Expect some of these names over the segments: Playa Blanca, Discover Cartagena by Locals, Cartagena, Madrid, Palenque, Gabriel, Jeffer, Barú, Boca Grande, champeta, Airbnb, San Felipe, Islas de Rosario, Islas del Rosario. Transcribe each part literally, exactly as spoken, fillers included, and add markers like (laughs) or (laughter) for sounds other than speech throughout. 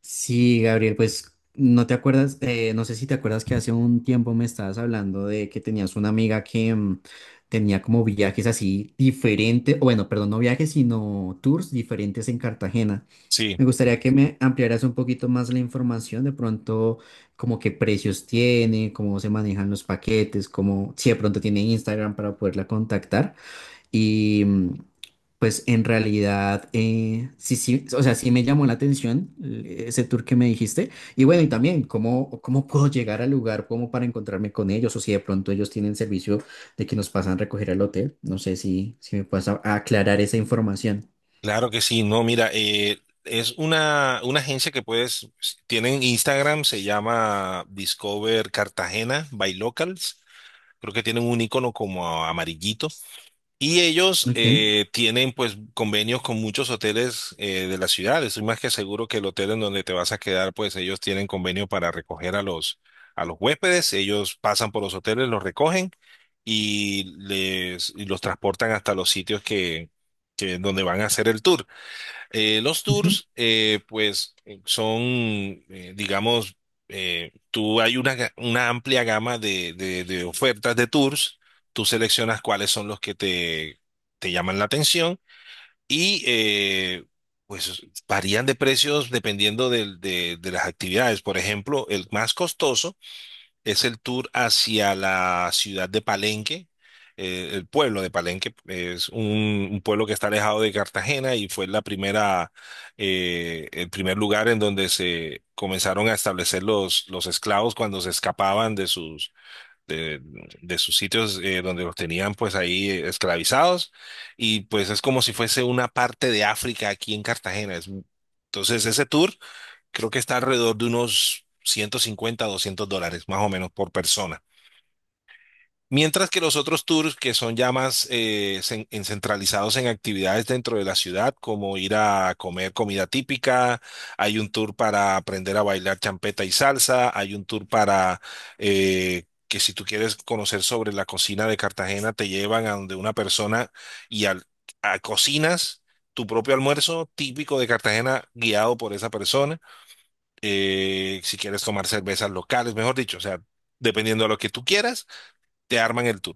Sí, Gabriel, pues no te acuerdas, eh, no sé si te acuerdas que hace un tiempo me estabas hablando de que tenías una amiga que mm, tenía como viajes así diferentes, bueno, perdón, no viajes, sino tours diferentes en Cartagena. Sí, Me gustaría que me ampliaras un poquito más la información, de pronto, como qué precios tiene, cómo se manejan los paquetes, como si de pronto tiene Instagram para poderla contactar. Y mm, pues en realidad, eh, sí, sí, o sea, sí me llamó la atención, eh, ese tour que me dijiste. Y bueno, y también, ¿cómo, cómo puedo llegar al lugar como para encontrarme con ellos? O si de pronto ellos tienen servicio de que nos pasan a recoger al hotel. No sé si, si me puedes a- aclarar esa información. claro que sí. No, mira, eh, es una, una agencia que puedes, tienen Instagram, se llama Discover Cartagena by Locals. Creo que tienen un icono como amarillito. Y ellos Ok, eh, tienen pues convenios con muchos hoteles eh, de la ciudad. Estoy más que seguro que el hotel en donde te vas a quedar, pues ellos tienen convenio para recoger a los, a los huéspedes. Ellos pasan por los hoteles, los recogen y les y los transportan hasta los sitios que, que donde van a hacer el tour. Eh, los ok. tours, eh, pues, eh, son, eh, digamos, eh, tú hay una, ga- una amplia gama de, de- de ofertas de tours. Tú seleccionas cuáles son los que te, te llaman la atención y, eh, pues, varían de precios dependiendo del- de, de las actividades. Por ejemplo, el más costoso es el tour hacia la ciudad de Palenque, eh, el pueblo de Palenque. Es un, un pueblo que está alejado de Cartagena y fue la primera, eh, el primer lugar en donde se comenzaron a establecer los, los esclavos cuando se escapaban de sus, de, de sus sitios eh, donde los tenían pues ahí eh, esclavizados. Y pues es como si fuese una parte de África aquí en Cartagena. Es- entonces ese tour, creo que está alrededor de unos ciento cincuenta a doscientos dólares más o menos por persona. Mientras que los otros tours que son ya más eh, cen- en- centralizados en actividades dentro de la ciudad, como ir a comer comida típica, hay un tour para aprender a bailar champeta y salsa, hay un tour para eh, que si tú quieres conocer sobre la cocina de Cartagena, te llevan a donde una persona y al, a cocinas tu propio almuerzo típico de Cartagena guiado por esa persona. Eh, si quieres tomar cervezas locales, mejor dicho, o sea, dependiendo de lo que tú quieras, te arman el tour.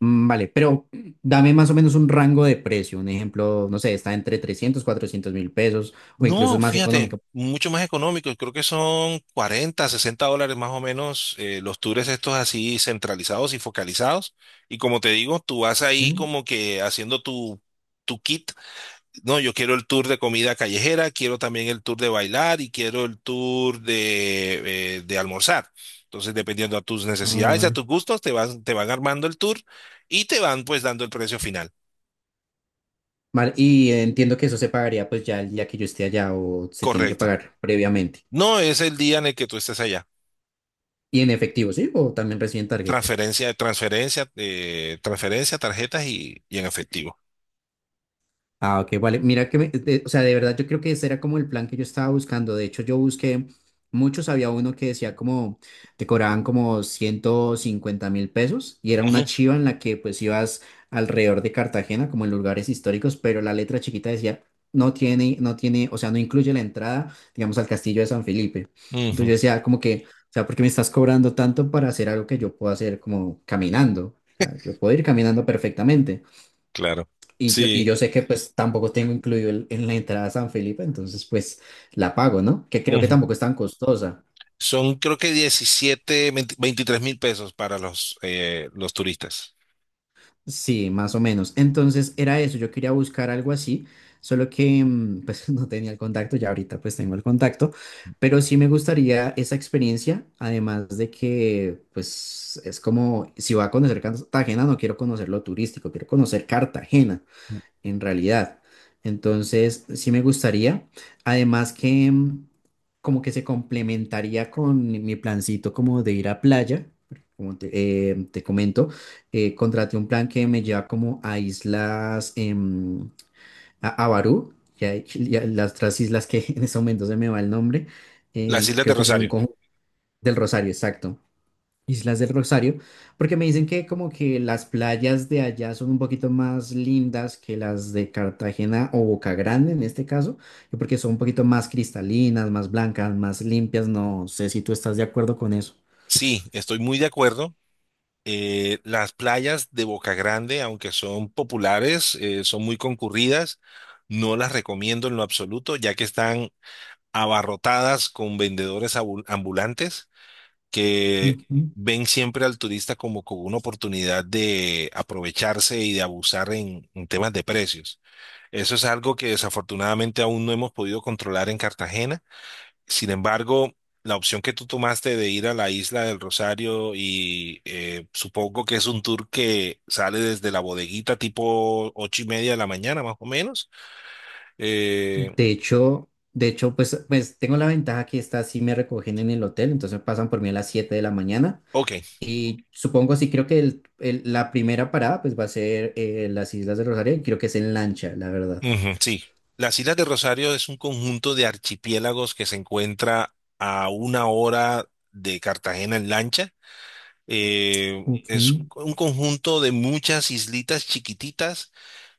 Mm, Vale, pero dame más o menos un rango de precio. Un ejemplo, no sé, está entre trescientos cuatrocientos mil pesos o incluso No, es más fíjate, económico. mucho más económico, creo que son cuarenta sesenta dólares más o menos, eh, los tours estos así centralizados y focalizados. Y como te digo, tú vas ahí Ok. como que haciendo tu, tu kit. No, yo quiero el tour de comida callejera, quiero también el tour de bailar y quiero el tour de, eh, de almorzar. Entonces, dependiendo a tus Ah, necesidades, a vale. tus gustos, te van, te van armando el tour y te van pues dando el precio final. Vale, y entiendo que eso se pagaría pues ya el día que yo esté allá o se tiene que Correcto. pagar previamente. No es el día en el que tú estés allá. Y en efectivo, ¿sí? O también reciben tarjeta. Transferencia, transferencia, eh, transferencia, tarjetas y, y en efectivo. Ah, ok, vale. Mira que, me- de- o sea, de verdad yo creo que ese era como el plan que yo estaba buscando. De hecho, yo busqué muchos, había uno que decía como, te cobraban como ciento cincuenta mil pesos y era una Ujú, chiva en la que pues ibas alrededor de Cartagena, como en lugares históricos, pero la letra chiquita decía, no tiene, no tiene, o sea, no incluye la entrada, digamos, al castillo de San Felipe. Entonces ujú, yo decía como que, o sea, ¿por qué me estás cobrando tanto para hacer algo que yo puedo hacer como caminando? O sea, yo puedo ir caminando perfectamente. claro. Y yo, y Sí. yo sé que pues tampoco tengo incluido el- en la entrada a San Felipe, entonces pues la pago, ¿no? Que creo que Ujú. tampoco es tan costosa. Son creo que diecisiete veinte veintitrés mil pesos para los, eh, los turistas. Sí, más o menos. Entonces era eso, yo quería buscar algo así, solo que mm, pues (laughs) no tenía el contacto, ya ahorita pues tengo el contacto, pero sí me gustaría esa experiencia, además de que pues es como, si voy a conocer Cartagena, no quiero conocer lo turístico, quiero conocer Cartagena, en realidad. Entonces, sí me gustaría. Además que mm, como que se complementaría con mi plancito como de ir a playa. Como te, eh, te comento, eh, contraté un plan que me lleva como a islas, em, a, a Barú, y a- y a (laughs) las otras islas que (laughs) en ese momento se me va el nombre, Las eh, que Islas de creo que son Rosario. Conjunto del Rosario, exacto. Islas del Rosario, porque me dicen que como que las playas de allá son un poquito más lindas que las de Cartagena o Boca Grande en este caso, y porque son un poquito más cristalinas, más blancas, más limpias, no sé si tú estás de acuerdo con eso. Sí, estoy muy de acuerdo. Eh, las playas de Boca Grande, aunque son populares, eh, son muy concurridas. No las recomiendo en lo absoluto, ya que están abarrotadas con vendedores abu- ambulantes que Ujú. ven siempre al turista como con una oportunidad de aprovecharse y de abusar en en temas de precios. Eso es algo que desafortunadamente aún no hemos podido controlar en Cartagena. Sin embargo, la opción que tú tomaste de ir a la isla del Rosario y eh, supongo que es un tour que sale desde la bodeguita tipo ocho y media de la mañana, más o menos. Eh, De hecho, de hecho, pues, pues tengo la ventaja que estas sí me recogen en el hotel, entonces pasan por mí a las siete de la mañana. ok, Y supongo, sí, creo que el- el- la primera parada pues va a ser, eh, las Islas del Rosario, y creo que es en lancha, la verdad. ujú, sí. Las Islas del Rosario es un conjunto de archipiélagos que se encuentra a una hora de Cartagena en lancha. Eh, es Ok. un un conjunto de muchas islitas chiquititas,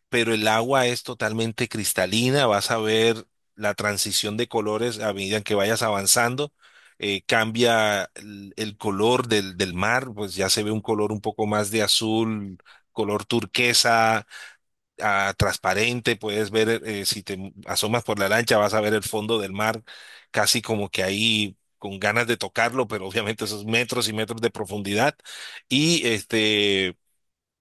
pero el agua es totalmente cristalina. Vas a ver la transición de colores a medida que vayas avanzando, eh, cambia el, el color del, del mar, pues ya se ve un color un poco más de azul, color turquesa, ah, transparente. Puedes ver, eh, si te asomas por la lancha vas a ver el fondo del mar casi como que ahí, con ganas de tocarlo, pero obviamente esos metros y metros de profundidad. Y este,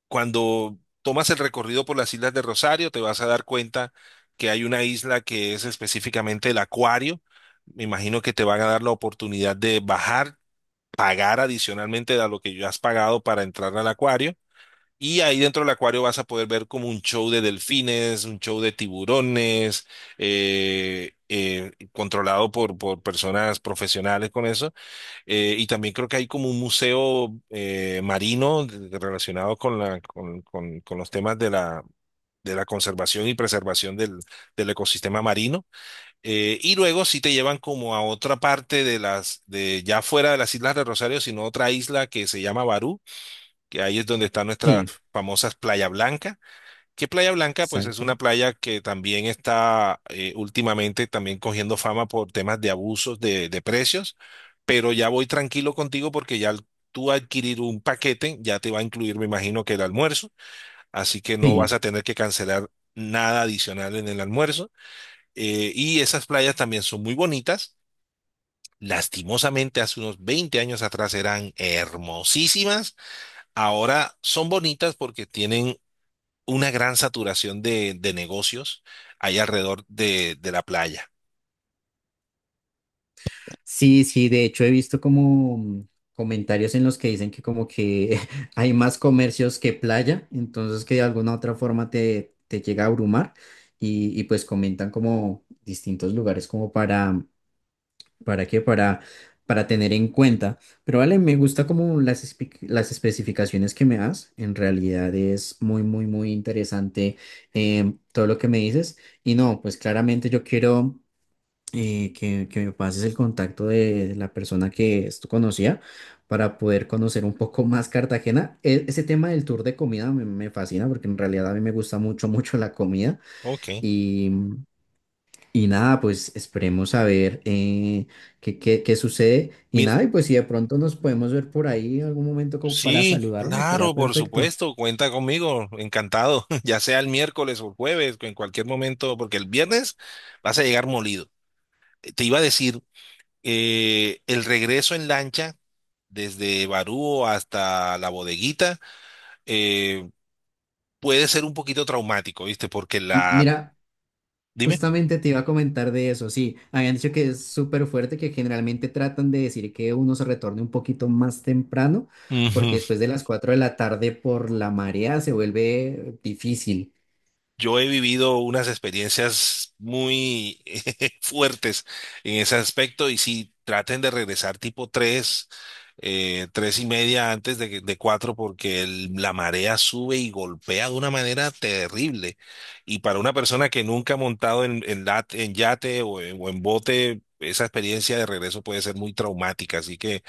cuando tomas el recorrido por las islas de Rosario, te vas a dar cuenta que hay una isla que es específicamente el Acuario. Me imagino que te van a dar la oportunidad de bajar, pagar adicionalmente a lo que ya has pagado para entrar al acuario. Y ahí dentro del acuario vas a poder ver como un show de delfines, un show de tiburones, eh, eh, controlado por, por personas profesionales con eso. Eh, y también creo que hay como un museo eh, marino, de- de- relacionado con la, con, con- con los temas de la, de la conservación y preservación del, del ecosistema marino. Eh, y luego sí te llevan como a otra parte de las, de ya fuera de las Islas de Rosario, sino otra isla que se llama Barú, que ahí es donde están nuestras Sí. famosas Playa Blanca. Que Playa Blanca, pues es Exacto. una playa que también está eh, últimamente también cogiendo fama por temas de abusos de, de precios, pero ya voy tranquilo contigo porque ya al tú adquirir un paquete ya te va a incluir, me imagino que el almuerzo, así que no vas Sí, a tener que cancelar nada adicional en el almuerzo. Eh, y esas playas también son muy bonitas. Lastimosamente, hace unos veinte años atrás eran hermosísimas. Ahora son bonitas porque tienen una gran saturación de, de negocios ahí alrededor de, de la playa. sí, sí, de hecho he visto como mm, comentarios en los que dicen que como que (laughs) hay más comercios que playa, entonces que de alguna otra forma te, te llega a abrumar y, y pues comentan como distintos lugares como para, ¿para qué? Para, para tener en cuenta. Pero vale, me gusta como las, espe- las especificaciones que me das, en realidad es muy, muy, muy interesante, em, todo lo que me dices. Y no, pues claramente yo quiero, eh, que, que me pases el contacto de la persona que esto conocía para poder conocer un poco más Cartagena. E- ese tema del tour de comida me, me fascina porque en realidad a mí me gusta mucho, (laughs) mucho la comida Ok. y, y nada, pues esperemos a ver, eh, qué, qué, qué sucede y Mira, nada, y pues si de pronto nos podemos ver por ahí en algún momento como para sí, saludarnos, estaría claro, por perfecto. supuesto, cuenta conmigo, encantado, (laughs) ya sea el miércoles o el jueves, en cualquier momento, porque el viernes vas a llegar molido. Eh, Te iba a decir, eh, el regreso en lancha desde Barú hasta la bodeguita eh, puede ser un poquito traumático, ¿viste? Porque M- la... Mira, Dime. justamente te iba a comentar de eso, sí, habían dicho que es súper fuerte, que generalmente tratan de decir que uno se retorne un poquito más temprano, porque después de las cuatro de la tarde por la marea se vuelve difícil. Yo he vivido unas experiencias muy (laughs) fuertes en ese aspecto y si traten de regresar tipo tres, eh, tres y media antes de, que- de cuatro, porque el- la marea sube y golpea de una manera terrible. Y para una persona que nunca ha montado en, en lat- en yate o en, o en bote, esa experiencia de regreso puede ser muy traumática. Así que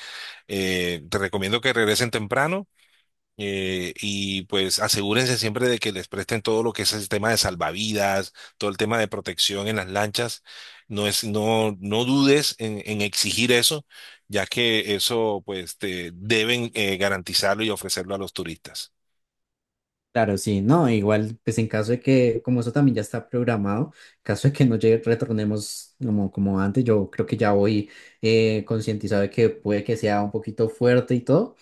eh, te recomiendo que regresen temprano, eh, y pues asegúrense siempre de que les presten todo lo que es el tema de salvavidas, todo el tema de protección en las lanchas. No es, no, no dudes en, en exigir eso, ya que eso pues te deben eh, garantizarlo y ofrecerlo a los turistas. Claro, sí, no, igual, pues en caso de que, como eso también ya está programado, caso de que no llegue- retornemos como, como antes, yo creo que ya voy eh, concientizado de que puede que sea un poquito fuerte y todo.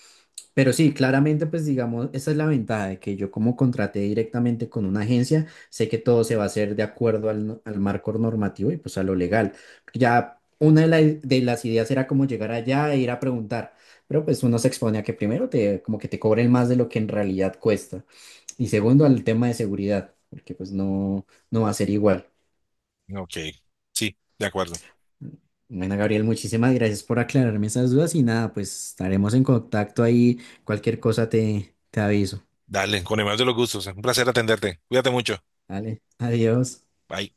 Pero sí, claramente, pues digamos, esa es la ventaja de que yo como contraté directamente con una agencia, sé que todo se va a hacer de acuerdo al, no- al marco normativo y pues a lo legal. Ya una de, la- de las ideas era como llegar allá e ir a preguntar, pero pues uno se expone a que primero te, como que te cobren más de lo que en realidad cuesta. Y segundo, al tema de seguridad, porque pues no, no va a ser igual. Ok, sí, de acuerdo. Bueno, Gabriel, muchísimas gracias por aclararme esas dudas y nada, pues estaremos en contacto ahí. Cualquier cosa te, te aviso. Dale, con el mayor de los gustos. Un placer atenderte. Cuídate mucho. Dale, adiós. Bye.